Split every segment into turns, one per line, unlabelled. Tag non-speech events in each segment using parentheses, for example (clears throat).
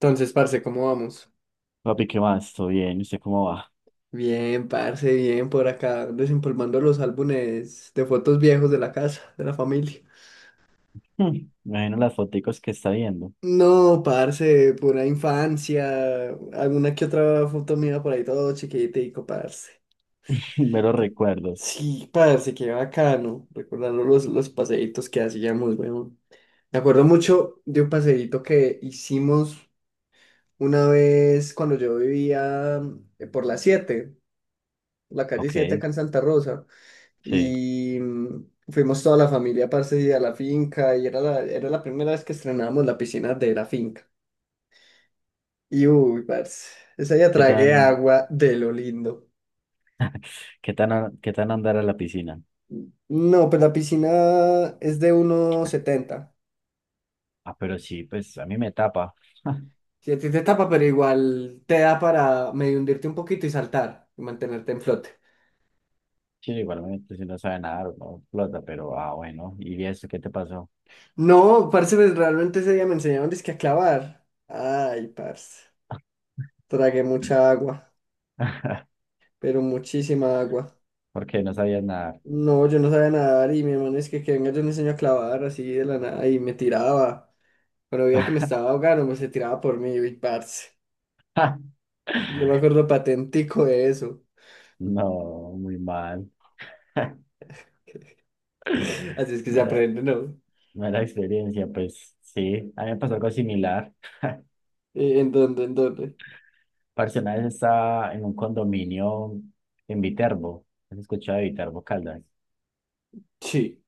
Entonces, parce, ¿cómo vamos?
Papi, ¿qué más? ¿Todo bien? ¿Usted cómo va?
Bien, parce, bien, por acá, desempolvando los álbumes de fotos viejos de la casa, de la familia.
Hmm, Me imagino las foticos que está viendo.
No, parce, pura infancia, alguna que otra foto mía por ahí todo chiquitico, parce.
(laughs) Meros
Que-
recuerdos.
Sí, parce, qué bacano, recordando los paseitos que hacíamos, weón. Me acuerdo mucho de un paseíto que hicimos una vez cuando yo vivía por la 7, la calle
Ok,
7 acá en Santa Rosa.
sí.
Y fuimos toda la familia, parce, y a la finca. Y era era la primera vez que estrenábamos la piscina de la finca. Y uy, parce, esa ya
¿Qué
tragué
tan,
agua de lo lindo.
¿qué tan andar a la piscina?
No, pues la piscina es de 1,70.
Ah, pero sí, pues a mí me tapa.
Si a ti te tapa, pero igual te da para medio hundirte un poquito y saltar y mantenerte en flote.
Sí, igualmente, si no sabe nadar, no flota, pero ah, bueno. ¿Y eso qué te pasó?
No, parce, pues realmente ese día me enseñaron dizque a clavar. Ay, parce, tragué mucha agua,
(laughs)
pero muchísima agua.
¿Por qué no sabías nadar?
No, yo no sabía nadar y mi hermano es que venga, yo le enseño a clavar así de la nada y me tiraba. Cuando veía que me estaba ahogando, me se tiraba por mí, y parce.
(laughs)
Yo me acuerdo patentico de eso.
No, muy mal. (laughs)
Así es que se
Mala,
aprende, ¿no?
mala experiencia, pues sí. A mí me pasó algo similar.
¿En dónde? ¿En dónde?
Parce, una vez estaba en un condominio en Viterbo, ¿has escuchado de Viterbo, Caldas?
Sí.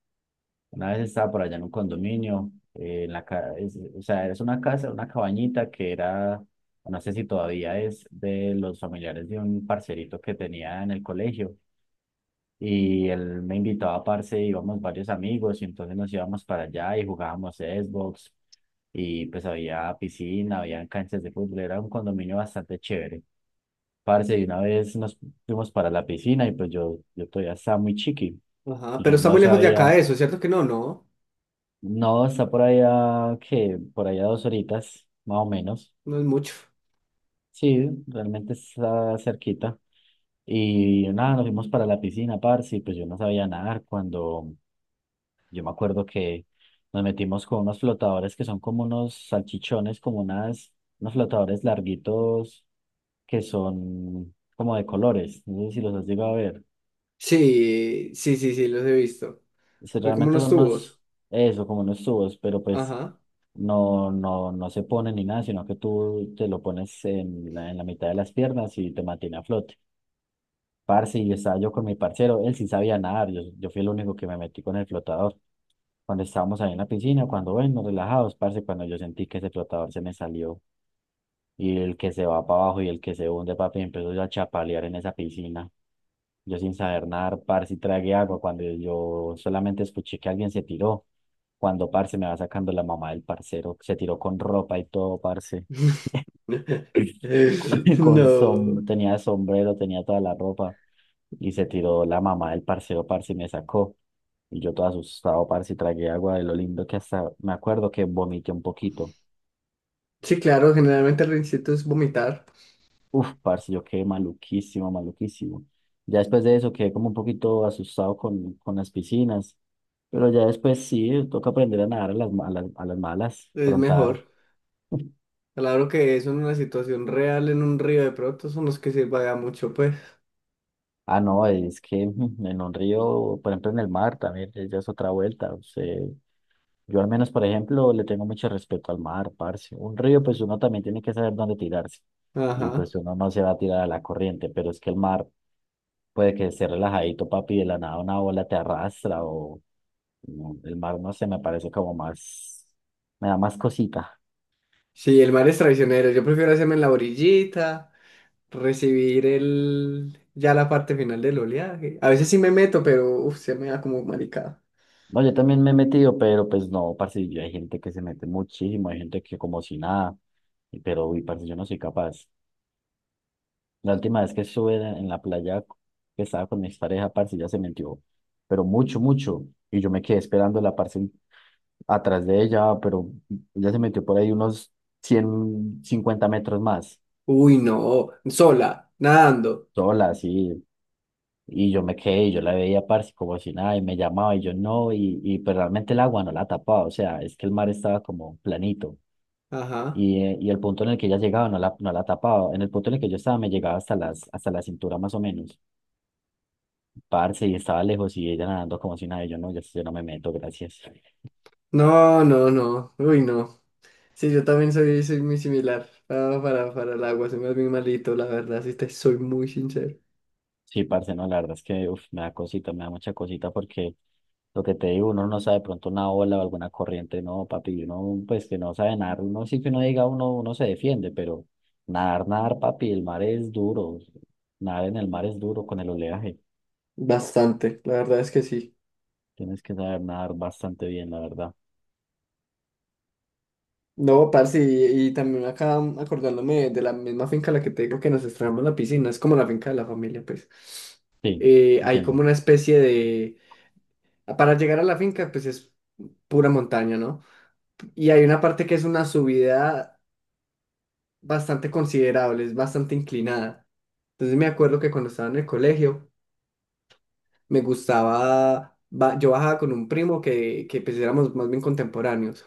Una vez estaba por allá en un condominio, en o sea, es una casa, una cabañita no sé si todavía es de los familiares de un parcerito que tenía en el colegio. Y él me invitaba, parce, íbamos varios amigos y entonces nos íbamos para allá y jugábamos Xbox y pues había piscina, había canchas de fútbol, era un condominio bastante chévere. Parce, y una vez nos fuimos para la piscina y pues yo todavía estaba muy chiqui.
Ajá,
Y
pero
Yo
está
no
muy lejos de
sabía,
acá eso, ¿cierto que no? No,
no, está por allá, que por allá dos horitas, más o menos.
no es mucho.
Sí, realmente está cerquita. Y nada, nos fuimos para la piscina, parce, y pues yo no sabía nadar cuando yo me acuerdo que nos metimos con unos flotadores que son como unos salchichones, unos flotadores larguitos que son como de colores. No sé si los has llegado a ver.
Sí, sí, sí, sí, los he visto.
Si
Son como
realmente
unos
son
tubos.
unos, Eso, como unos tubos, pero pues
Ajá.
no se pone ni nada, sino que tú te lo pones en en la mitad de las piernas y te mantiene a flote. Parce, y estaba yo con mi parcero, él sí sabía nadar, yo fui el único que me metí con el flotador. Cuando estábamos ahí en la piscina, cuando bueno, relajados, parce, cuando yo sentí que ese flotador se me salió y el que se va para abajo y el que se hunde, papi, empezó yo a chapalear en esa piscina. Yo sin saber nadar, parce, y tragué agua cuando yo solamente escuché que alguien se tiró. Cuando, parce, me va sacando la mamá del parcero, se tiró con ropa y todo, parce.
(laughs)
(clears throat) Con som
No.
tenía sombrero, tenía toda la ropa. Y se tiró la mamá del parcero, parce, y me sacó. Y yo todo asustado, parce, y tragué agua de lo lindo que hasta me acuerdo que vomité un poquito.
Sí, claro, generalmente el rincito es vomitar.
Uf, parce, yo quedé maluquísimo, maluquísimo. Ya después de eso quedé como un poquito asustado con las piscinas, pero ya después sí, toca aprender a nadar a a las malas,
Es
frontar.
mejor. Claro que eso en una situación real, en un río de pronto, son los que se paga mucho, pues.
Ah, no, es que en un río, por ejemplo en el mar también, ya es otra vuelta. O sea, yo al menos, por ejemplo, le tengo mucho respeto al mar, parce. Un río, pues uno también tiene que saber dónde tirarse. Y
Ajá.
pues uno no se va a tirar a la corriente, pero es que el mar puede que esté relajadito, papi, de la nada una ola te arrastra o no, el mar, no sé, me da más cosita.
Sí, el mar es traicionero. Yo prefiero hacerme en la orillita, recibir ya la parte final del oleaje. A veces sí me meto, pero uf, se me da como maricada.
No, yo también me he metido, pero pues no, parce, yo- hay gente que se mete muchísimo, hay gente que como si nada, y- pero uy, parce, yo no soy capaz. La última vez que estuve en la playa que estaba con mi pareja, parce, ya se metió, pero mucho, mucho, y yo me quedé esperando la parce atrás de ella, pero ya se metió por ahí unos 150 metros más,
Uy, no. Sola, nadando.
sola, así, y yo me quedé, y yo la veía, parce, como si nada, y me llamaba, y yo no, y pero realmente el agua no la tapaba, o sea, es que el mar estaba como planito,
Ajá.
y el punto en el que ella llegaba no no la tapaba, en el punto en el que yo estaba me llegaba hasta hasta la cintura más o menos, parce, y estaba lejos, y ella nadando como si nada, y yo no, yo no me meto, gracias.
No, no, no. Uy, no. Sí, yo también soy, soy muy similar para el agua. Soy más bien malito, la verdad. Sí, te soy muy sincero.
Sí, parce, no, la verdad es que uf, me da cosita, me da mucha cosita porque lo que te digo, uno no sabe de pronto una ola o alguna corriente, no, papi, uno pues que no sabe nadar, uno sí que uno diga, uno se defiende, pero nadar, papi, el mar es duro, nadar en el mar es duro con el oleaje,
Bastante, la verdad es que sí.
tienes que saber nadar bastante bien, la verdad.
No, parce, y también acá acordándome de la misma finca a la que te digo que nos estrenamos la piscina, es como la finca de la familia, pues.
Sí,
Hay como
entiendo.
una especie de... Para llegar a la finca, pues es pura montaña, ¿no? Y hay una parte que es una subida bastante considerable, es bastante inclinada. Entonces me acuerdo que cuando estaba en el colegio, me gustaba, yo bajaba con un primo que pues éramos más bien contemporáneos.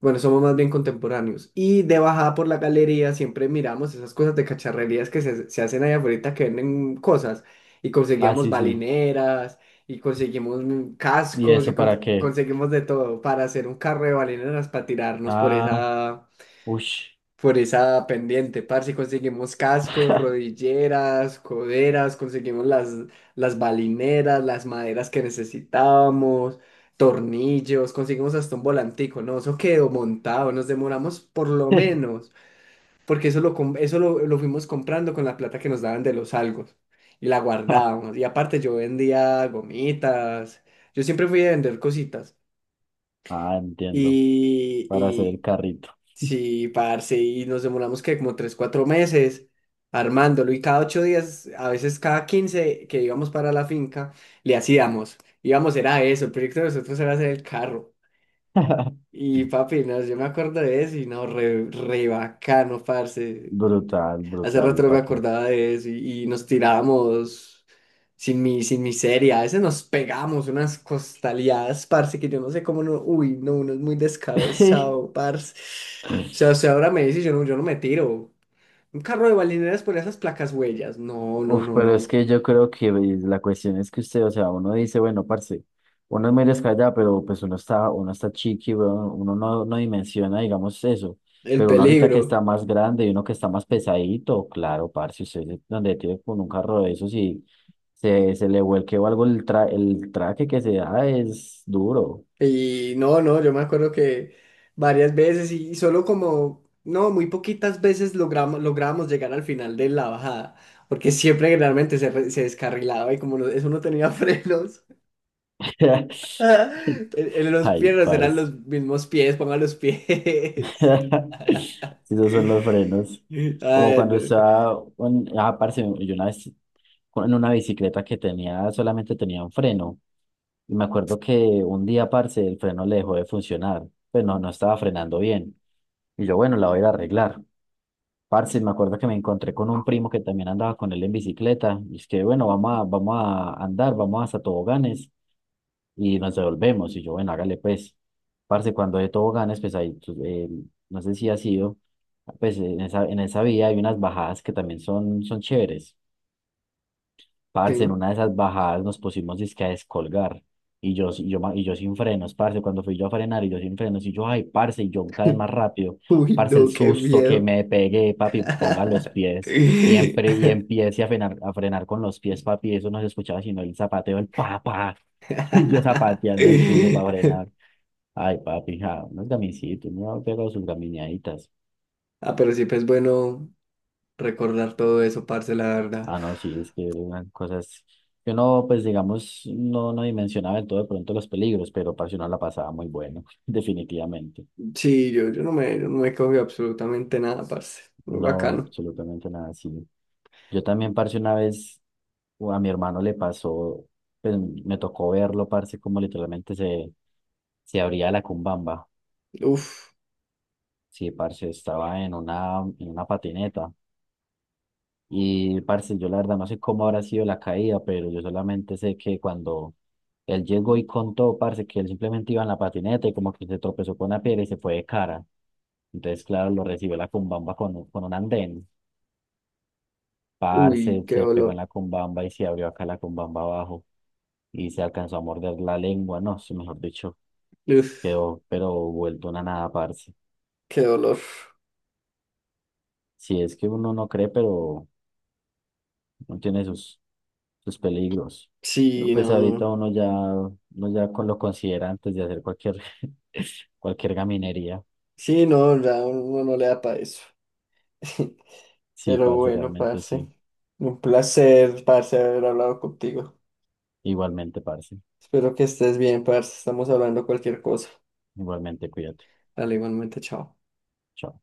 Bueno, somos más bien contemporáneos. Y de bajada por la galería siempre miramos esas cosas de cacharrerías que se hacen allá afuera que venden cosas. Y
Ah,
conseguíamos
sí, sí.
balineras, y conseguimos
¿Y
cascos, y
eso para qué?
conseguimos de todo para hacer un carro de balineras para tirarnos
Ah, ush.
por esa pendiente, parce, conseguimos cascos, rodilleras, coderas, conseguimos las balineras, las maderas que necesitábamos, tornillos, conseguimos hasta un volantico, ¿no? Eso quedó montado, nos demoramos por lo
(laughs)
menos, porque eso lo fuimos comprando con la plata que nos daban de los algos y la guardábamos. Y aparte yo vendía gomitas, yo siempre fui a vender cositas.
Ah, entiendo, para hacer el
Y,
carrito. (laughs)
Sí, parce, y nos demoramos que como 3, 4 meses armándolo y cada 8 días, a veces cada 15 que íbamos para la finca, le hacíamos, íbamos, era eso, el proyecto de nosotros era hacer el carro. Y papi, no, yo me acuerdo de eso y no, re, re bacano, parce.
Brutal,
Hace rato
brutal,
no me
¿para
acordaba de eso y nos tiramos sin miseria. A veces nos pegamos unas costaleadas, parce, que yo no sé cómo no. Uy, no, uno es muy
qué? (laughs)
descabezado, parce. O sea, ahora me dice, yo no me tiro. Un carro de balineras por esas placas huellas. No, no,
Uf,
no,
pero es
no.
que yo creo que pues, la cuestión es que usted, o sea, uno dice, bueno, parce, uno es muy descallado, pero pues uno está chiqui, weón, uno no, no dimensiona, digamos, eso.
El
Pero uno ahorita que
peligro.
está más grande y uno que está más pesadito, claro, parce, usted se- donde tiene con un carro de esos y se le vuelque o algo el traje que se da es duro.
Y no, no, yo me acuerdo que varias veces y solo como, no, muy poquitas veces logramos, logramos llegar al final de la bajada, porque siempre generalmente se descarrilaba y como eso no tenía (laughs) frenos, (laughs)
(laughs)
en los
Ay,
piernas eran los
parce.
mismos pies, pongan los pies.
(laughs)
(laughs)
Si esos son los frenos. Como
Ay,
cuando
no.
ah, parce, yo una vez en una bicicleta que tenía, solamente tenía un freno. Y me acuerdo que un día, parce, el freno le dejó de funcionar. Pues no, no estaba frenando bien. Y yo, bueno, la voy a ir a arreglar. Parce, me acuerdo que me encontré con un primo que también andaba con él en bicicleta. Y es que, bueno, vamos a andar, vamos hasta toboganes y nos devolvemos. Y yo, bueno, hágale pues. Parce, cuando de toboganes, pues ahí, tú, no sé si ha sido, pues en esa vía hay unas bajadas que también son, son chéveres.
Sí.
Parce, en una de esas bajadas nos pusimos dizque a descolgar. Y y yo sin frenos, parce. Cuando fui yo a frenar y yo sin frenos, y yo, ay, parce, y yo cada vez
(laughs)
más rápido.
Uy,
Parce, el
no, qué
susto que
miedo.
me pegué, papi,
(laughs)
ponga los pies. Y empiece a frenar con los pies, papi. Eso no se escuchaba sino el zapateo, el papá. (laughs) Y yo zapateando el piso para frenar. Ay, papi, ja, unos gamisitos, me han pegado sus gamineaditas.
Ah, pero siempre es bueno recordar todo eso, parce, la verdad.
Ah, no, sí, es que eran cosas que uno, pues digamos, no, no dimensionaba del todo de pronto los peligros, pero parce, uno la pasaba muy bueno, (laughs) definitivamente.
Sí, yo no me cogí absolutamente nada, parce. Muy
No,
bacano.
absolutamente nada así. Yo también, parce, una vez o a mi hermano le pasó, pues me tocó verlo, parce, como literalmente se abría la cumbamba.
Uf,
Sí, parce, estaba en en una patineta. Y, parce, yo la verdad no sé cómo habrá sido la caída, pero yo solamente sé que cuando él llegó y contó, parce, que él simplemente iba en la patineta y como que se tropezó con una piedra y se fue de cara. Entonces, claro, lo recibió la cumbamba con un andén.
uy,
Parce,
qué
se pegó en
dolor.
la cumbamba y se abrió acá la cumbamba abajo y se alcanzó a morder la lengua. No, sí, mejor dicho,
Uf,
quedó, pero vuelto una nada, parce.
qué dolor.
Si es que uno no cree, pero no tiene sus, sus peligros. Pero
Sí,
pues
no,
ahorita
no.
uno ya con lo considera antes de hacer cualquier, (laughs) cualquier gaminería.
Sí, no, ya uno no le da para eso. (laughs)
Sí,
Pero
parce,
bueno,
realmente
parce.
sí.
Un placer, parce, haber hablado contigo.
Igualmente, parce.
Espero que estés bien, parce. Estamos hablando cualquier cosa.
Igualmente, cuídate.
Dale, igualmente, chao.
Chao.